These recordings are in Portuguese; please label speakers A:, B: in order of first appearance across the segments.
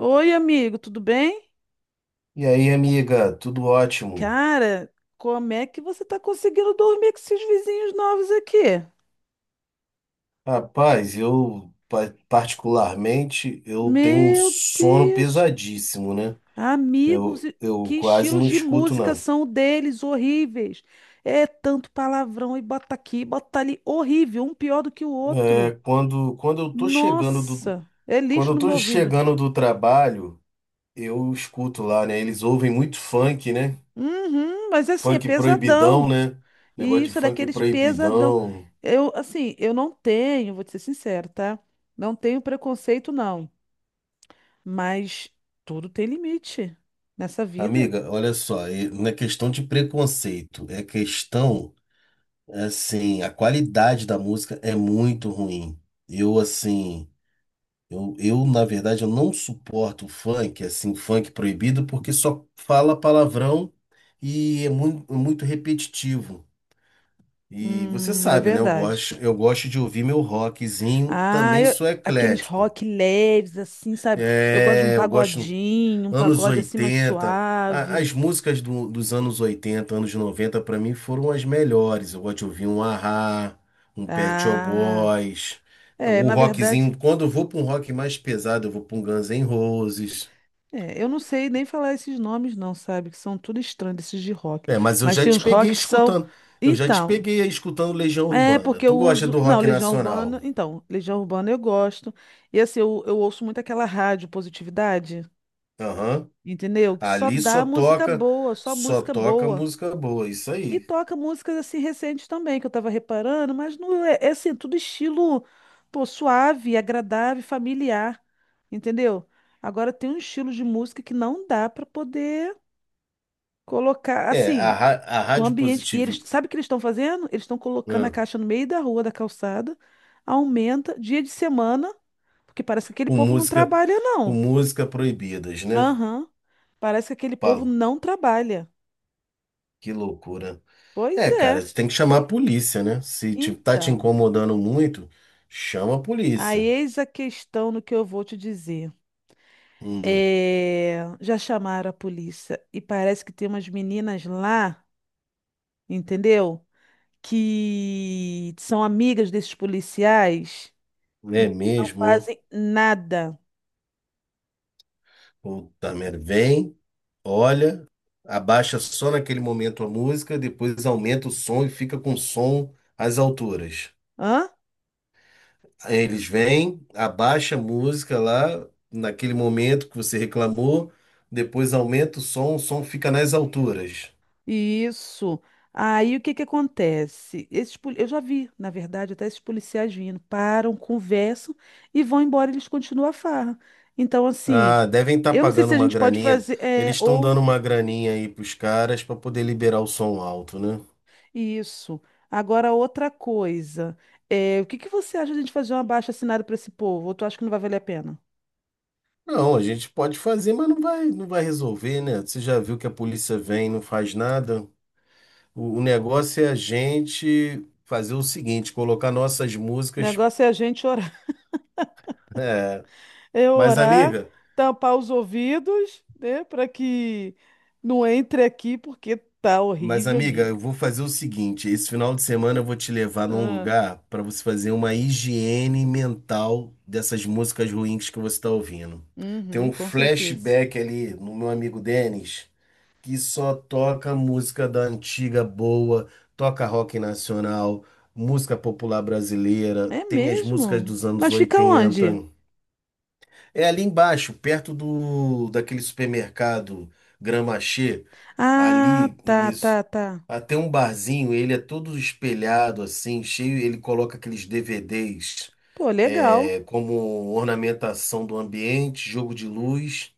A: Oi, amigo, tudo bem?
B: E aí, amiga, tudo ótimo?
A: Cara, como é que você tá conseguindo dormir com esses vizinhos novos aqui?
B: Rapaz, eu particularmente eu tenho um
A: Meu
B: sono
A: Deus!
B: pesadíssimo, né?
A: Amigos,
B: Eu,
A: e-
B: eu
A: que
B: quase
A: estilos
B: não
A: de
B: escuto
A: música
B: nada.
A: são o deles, horríveis. É tanto palavrão e bota aqui, bota ali, horrível, um pior do que o
B: É,
A: outro. Nossa, é
B: quando
A: lixo
B: eu
A: no
B: tô
A: meu ouvido.
B: chegando do trabalho, eu escuto lá, né? Eles ouvem muito funk, né?
A: Uhum, mas assim, é
B: Funk
A: pesadão.
B: proibidão, né? Negócio
A: E
B: de
A: isso é
B: funk
A: daqueles pesadão.
B: proibidão.
A: Eu, assim, eu não tenho, vou te ser sincero, tá? Não tenho preconceito, não. Mas tudo tem limite nessa vida.
B: Amiga, olha só, e não é questão de preconceito, é questão. Assim, a qualidade da música é muito ruim. Eu, assim, na verdade, eu não suporto funk, assim, funk proibido, porque só fala palavrão e é muito, muito repetitivo. E você
A: É
B: sabe, né? Eu
A: verdade.
B: gosto, eu gosto de ouvir meu rockzinho,
A: Ah,
B: também
A: eu-
B: sou
A: aqueles
B: eclético.
A: rock leves, assim, sabe? Eu gosto de um
B: É, eu gosto.
A: pagodinho, um
B: Anos
A: pagode assim mais
B: 80,
A: suave.
B: as músicas dos anos 80, anos 90 para mim foram as melhores. Eu gosto de ouvir um Ahá, um Pet Shop
A: Ah,
B: Boys,
A: é,
B: o
A: na verdade,
B: rockzinho. Quando eu vou para um rock mais pesado, eu vou para um Guns N' Roses.
A: é, eu não sei nem falar esses nomes, não, sabe? Que são tudo estranhos, esses de rock.
B: É, mas eu
A: Mas
B: já
A: tem
B: te
A: uns
B: peguei
A: rock que são.
B: escutando. Eu já te
A: Então,
B: peguei aí escutando Legião
A: é
B: Urbana.
A: porque eu
B: Tu gosta
A: uso.
B: do
A: Não,
B: rock
A: Legião
B: nacional?
A: Urbana. Então, Legião Urbana eu gosto. E assim, eu ouço muito aquela rádio Positividade.
B: Aham.
A: Entendeu? Que só
B: Ali
A: dá música boa, só
B: só
A: música
B: toca
A: boa.
B: música boa, isso
A: E
B: aí.
A: toca músicas assim recentes também, que eu tava reparando, mas não é, é assim, tudo estilo, pô, suave, agradável, familiar, entendeu? Agora tem um estilo de música que não dá pra poder colocar
B: É,
A: assim
B: a
A: no
B: Rádio
A: ambiente. E eles,
B: Positivo.
A: sabe o que eles estão fazendo? Eles estão colocando a caixa no meio da rua, da calçada, aumenta dia de semana, porque parece que aquele
B: Com
A: povo não
B: música,
A: trabalha,
B: com
A: não.
B: música proibidas, né?
A: Aham. Parece que aquele povo
B: Pau,
A: não trabalha.
B: que loucura.
A: Pois
B: É, cara,
A: é.
B: você tem que chamar a polícia, né? Se te, tá te
A: Então,
B: incomodando muito, chama a
A: aí
B: polícia.
A: eis a questão no que eu vou te dizer.
B: Hum,
A: É, já chamaram a polícia e parece que tem umas meninas lá, entendeu? Que são amigas desses policiais e
B: é
A: eles não
B: mesmo, né?
A: fazem nada.
B: Puta merda. Vem, olha, abaixa só naquele momento a música, depois aumenta o som e fica com o som às alturas.
A: Hã?
B: Aí eles vêm, abaixa a música lá, naquele momento que você reclamou, depois aumenta o som fica nas alturas.
A: Isso. Aí o que que acontece? Esses, poli- eu já vi, na verdade, até esses policiais vindo, param, conversam e vão embora, eles continuam a farra. Então, assim,
B: Ah, devem estar
A: eu não sei
B: pagando
A: se a
B: uma
A: gente pode
B: graninha.
A: fazer, é,
B: Eles estão
A: ou
B: dando uma graninha aí pros caras para poder liberar o som alto, né?
A: isso. Agora, outra coisa, é, o que que você acha de a gente fazer um abaixo-assinado para esse povo? Ou tu acha que não vai valer a pena?
B: Não, a gente pode fazer, mas não vai resolver, né? Você já viu que a polícia vem e não faz nada? O negócio é a gente fazer o seguinte, colocar nossas
A: O
B: músicas.
A: negócio é a gente orar,
B: É.
A: é
B: Mas,
A: orar,
B: amiga.
A: tampar os ouvidos, né, para que não entre aqui, porque tá
B: Mas,
A: horrível,
B: amiga,
A: amiga.
B: eu vou fazer o seguinte: esse final de semana eu vou te levar num lugar para você fazer uma higiene mental dessas músicas ruins que você está ouvindo. Tem
A: Uhum,
B: um
A: com certeza.
B: flashback ali no meu amigo Denis, que só toca música da antiga boa, toca rock nacional, música popular brasileira,
A: É
B: tem as músicas
A: mesmo?
B: dos anos
A: Mas fica
B: 80.
A: onde?
B: É ali embaixo, perto do daquele supermercado Gramaxé.
A: Ah,
B: Ali,
A: tá,
B: isso.
A: tá, tá.
B: Até um barzinho, ele é todo espelhado assim, cheio, ele coloca aqueles DVDs
A: Pô, legal,
B: é, como ornamentação do ambiente, jogo de luz,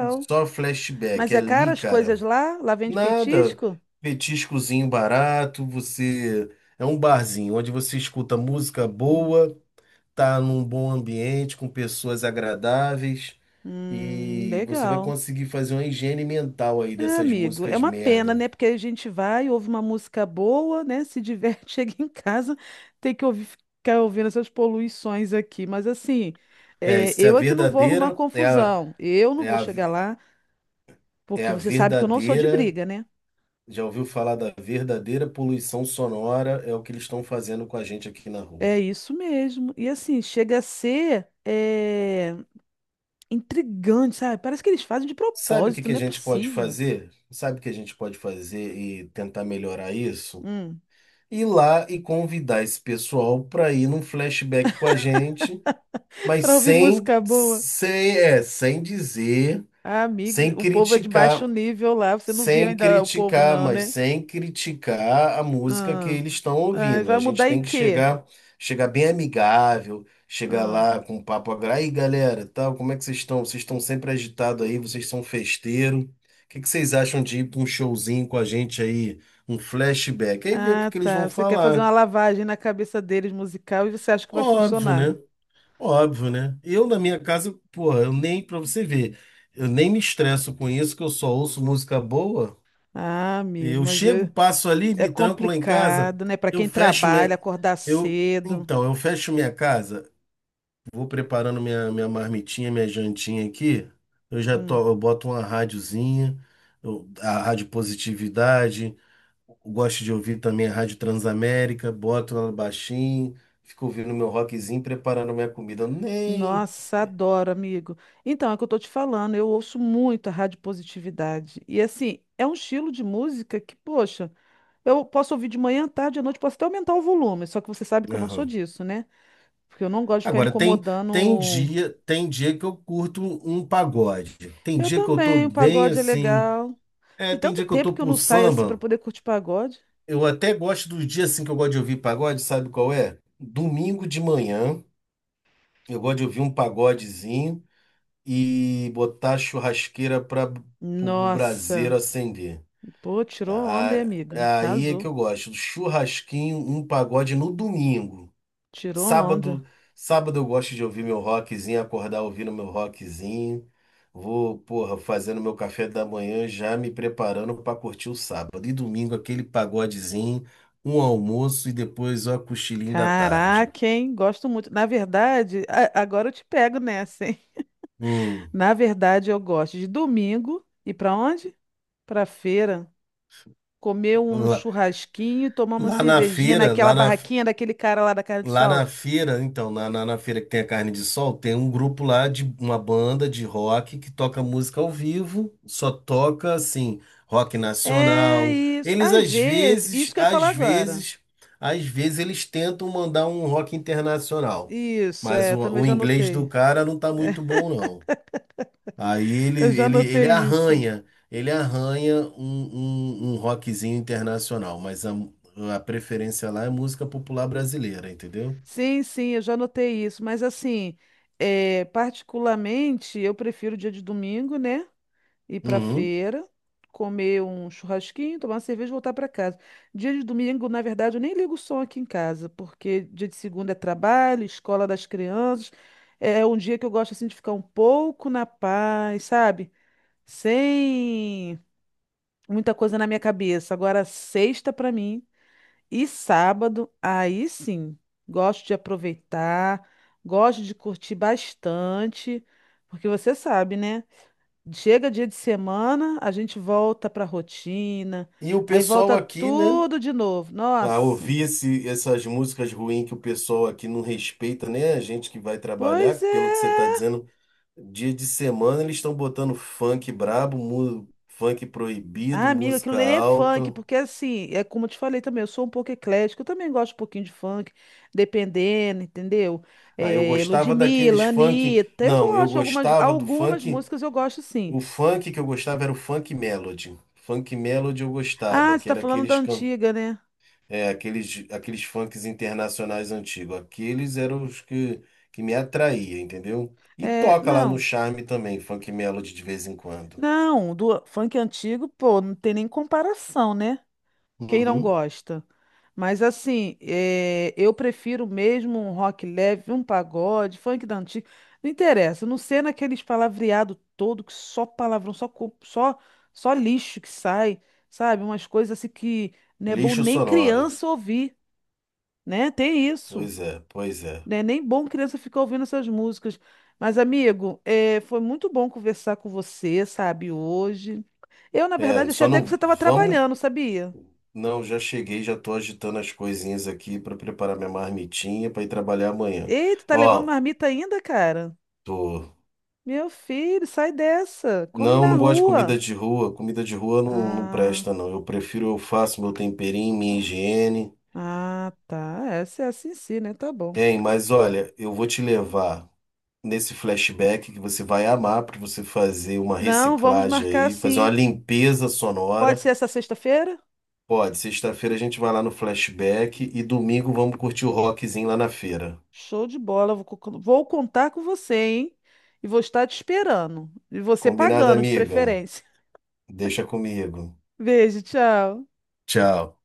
B: e só flashback.
A: Mas
B: É
A: é caro
B: ali,
A: as
B: cara,
A: coisas lá? Lá vende
B: nada,
A: petisco?
B: petiscozinho barato, você é um barzinho onde você escuta música
A: Hum,
B: boa, tá num bom ambiente, com pessoas agradáveis
A: Hum,
B: e você vai
A: legal.
B: conseguir fazer uma higiene mental aí
A: É,
B: dessas
A: amigo, é
B: músicas
A: uma pena,
B: merda.
A: né? Porque a gente vai, ouve uma música boa, né? Se diverte, chega em casa, tem que ouvir, ficar ouvindo essas poluições aqui. Mas assim,
B: É,
A: é,
B: isso é a
A: eu é que não vou arrumar
B: verdadeira, é a,
A: confusão. Eu não
B: é
A: vou
B: a,
A: chegar lá,
B: é
A: porque
B: a
A: você sabe que eu não sou de
B: verdadeira.
A: briga, né?
B: Já ouviu falar da verdadeira poluição sonora? É o que eles estão fazendo com a gente aqui na rua.
A: É isso mesmo. E assim, chega a ser é, intrigante, sabe? Parece que eles fazem de
B: Sabe o que
A: propósito,
B: que a
A: não é
B: gente pode
A: possível.
B: fazer? Sabe o que a gente pode fazer e tentar melhorar isso?
A: Hum.
B: Ir lá e convidar esse pessoal para ir num flashback com a gente, mas
A: Para ouvir música boa.
B: sem dizer,
A: Ah, amigos,
B: sem
A: o povo é de baixo
B: criticar.
A: nível lá. Você não viu
B: Sem
A: ainda o povo,
B: criticar,
A: não,
B: mas
A: né?
B: sem criticar a música que
A: Ah,
B: eles estão
A: ah, e
B: ouvindo. A
A: vai
B: gente
A: mudar em
B: tem que
A: quê?
B: chegar, chegar bem amigável, chegar
A: Ah.
B: lá com um papo agra. Aí, galera, tal, como é que vocês estão? Vocês estão sempre agitados aí, vocês são festeiro. O que que vocês acham de ir para um showzinho com a gente aí, um flashback? Aí ver o que
A: Ah,
B: que eles vão
A: tá. Você quer fazer uma
B: falar.
A: lavagem na cabeça deles musical e você acha que vai
B: Óbvio, né?
A: funcionar.
B: Óbvio, né? Eu na minha casa, porra, eu nem para você ver, eu nem me estresso com isso, que eu só ouço música boa.
A: Ah, amigo,
B: Eu
A: mas
B: chego,
A: eu-
B: passo ali,
A: é
B: me tranco lá em casa,
A: complicado, né? Para
B: eu
A: quem
B: fecho
A: trabalha,
B: minha.
A: acordar
B: Eu,
A: cedo.
B: então, eu fecho minha casa, vou preparando minha marmitinha, minha jantinha aqui. Eu já to,
A: Hum.
B: eu boto uma rádiozinha, a Rádio Positividade, eu gosto de ouvir também a Rádio Transamérica, boto ela baixinho, fico ouvindo meu rockzinho, preparando minha comida. Nem.
A: Nossa, adoro, amigo. Então, é o que eu tô te falando, eu ouço muito a rádio positividade. E assim, é um estilo de música que, poxa, eu posso ouvir de manhã, tarde, à noite, posso até aumentar o volume, só que você sabe que eu não sou
B: Aham.
A: disso, né? Porque eu não gosto de ficar
B: Agora
A: incomodando.
B: tem dia que eu curto um pagode. Tem
A: Eu
B: dia que eu tô
A: também, o
B: bem
A: pagode é
B: assim.
A: legal.
B: É,
A: Tem
B: tem
A: tanto
B: dia que eu
A: tempo
B: tô
A: que eu
B: pro
A: não saio assim pra
B: samba.
A: poder curtir pagode.
B: Eu até gosto dos dias assim que eu gosto de ouvir pagode, sabe qual é? Domingo de manhã, eu gosto de ouvir um pagodezinho e botar a churrasqueira para o braseiro
A: Nossa,
B: acender.
A: pô, tirou onda, hein,
B: A-
A: amigo?
B: Aí é
A: Arrasou.
B: que eu gosto, do churrasquinho, um pagode no domingo.
A: Tirou onda.
B: Sábado, sábado eu gosto de ouvir meu rockzinho, acordar ouvindo meu rockzinho. Vou, porra, fazendo meu café da manhã, já me preparando para curtir o sábado. E domingo aquele pagodezinho, um almoço e depois ó, cochilinho da tarde.
A: Caraca, hein? Gosto muito. Na verdade, agora eu te pego nessa, hein?
B: Hum,
A: Na verdade, eu gosto de domingo ir para onde? Para feira, comer um
B: lá,
A: churrasquinho e tomar uma
B: lá na
A: cervejinha
B: feira,
A: naquela
B: lá na
A: barraquinha daquele cara lá da carne de
B: Lá na
A: sol.
B: feira, então, na feira que tem a carne de sol, tem um grupo lá de uma banda de rock que toca música ao vivo, só toca assim, rock
A: É
B: nacional.
A: isso.
B: Eles
A: Às
B: às
A: vezes, isso
B: vezes,
A: que eu ia
B: às
A: falar agora.
B: vezes, Às vezes eles tentam mandar um rock internacional,
A: Isso,
B: mas
A: é, eu também
B: o
A: já
B: inglês
A: anotei.
B: do cara não tá muito bom, não. Aí
A: Eu já anotei isso.
B: ele arranha um rockzinho internacional, mas a preferência lá é música popular brasileira, entendeu?
A: Sim, sim, eu já anotei isso. Mas assim, é, particularmente, eu prefiro o dia de domingo, né? Ir pra
B: Uhum.
A: feira, comer um churrasquinho, tomar uma cerveja e voltar pra casa. Dia de domingo, na verdade, eu nem ligo o som aqui em casa, porque dia de segunda é trabalho, escola das crianças. É um dia que eu gosto assim de ficar um pouco na paz, sabe? Sem muita coisa na minha cabeça. Agora, sexta pra mim e sábado, aí sim, gosto de aproveitar, gosto de curtir bastante, porque você sabe, né? Chega dia de semana, a gente volta para a rotina,
B: E o
A: aí
B: pessoal
A: volta
B: aqui, né?
A: tudo de novo.
B: A
A: Nossa,
B: ouvir essas músicas ruins que o pessoal aqui não respeita, né? A gente que vai
A: pois
B: trabalhar, pelo que você está
A: é.
B: dizendo, dia de semana eles estão botando funk brabo, funk proibido,
A: Ah, amiga, aquilo
B: música
A: ali é funk,
B: alta.
A: porque assim, é como eu te falei também, eu sou um pouco eclética, eu também gosto um pouquinho de funk, dependendo, entendeu?
B: Ah, eu
A: É,
B: gostava daqueles
A: Ludmilla,
B: funk.
A: Anitta, eu
B: Não, eu
A: gosto, de algumas,
B: gostava do
A: algumas
B: funk.
A: músicas eu gosto sim.
B: O funk que eu gostava era o funk melody. Funk melody eu gostava,
A: Ah, você
B: que
A: tá
B: era
A: falando da
B: aqueles can...
A: antiga, né?
B: É, aqueles funks internacionais antigos. Aqueles eram os que me atraía, entendeu? E
A: É,
B: toca lá no
A: não,
B: Charme também, funk melody de vez em quando.
A: não, do funk antigo, pô, não tem nem comparação, né? Quem não
B: Uhum.
A: gosta? Mas assim, é, eu prefiro mesmo um rock leve, um pagode, funk da antiga. Não interessa, não ser naqueles palavreado todo que só palavrão, só co- só só lixo que sai, sabe? Umas coisas assim que não é bom
B: Lixo
A: nem
B: sonoro.
A: criança ouvir, né? Tem isso,
B: Pois é, pois é.
A: né? Nem bom criança ficar ouvindo essas músicas. Mas amigo, é, foi muito bom conversar com você, sabe, hoje. Eu, na
B: É,
A: verdade, achei
B: só
A: até que você
B: não
A: estava
B: vamos.
A: trabalhando, sabia?
B: Não, já cheguei, já tô agitando as coisinhas aqui para preparar minha marmitinha para ir trabalhar amanhã.
A: Ei, tu tá levando
B: Ó,
A: marmita ainda, cara?
B: tô.
A: Meu filho, sai dessa. Come
B: Não,
A: na
B: não gosto de comida
A: rua.
B: de rua. Comida de rua não, não
A: Ah,
B: presta, não. Eu prefiro, eu faço meu temperinho, minha higiene.
A: ah, tá. Essa é assim sim, né? Tá bom.
B: Hein, mas olha, eu vou te levar nesse flashback que você vai amar para você fazer uma
A: Não, vamos
B: reciclagem
A: marcar
B: aí, fazer uma
A: assim.
B: limpeza
A: Pode
B: sonora.
A: ser essa sexta-feira?
B: Pode, sexta-feira a gente vai lá no flashback e domingo vamos curtir o rockzinho lá na feira.
A: Show de bola. Vou contar com você, hein? E vou estar te esperando. E você
B: Combinado,
A: pagando, de
B: amiga?
A: preferência.
B: Deixa comigo.
A: Beijo, tchau.
B: Tchau.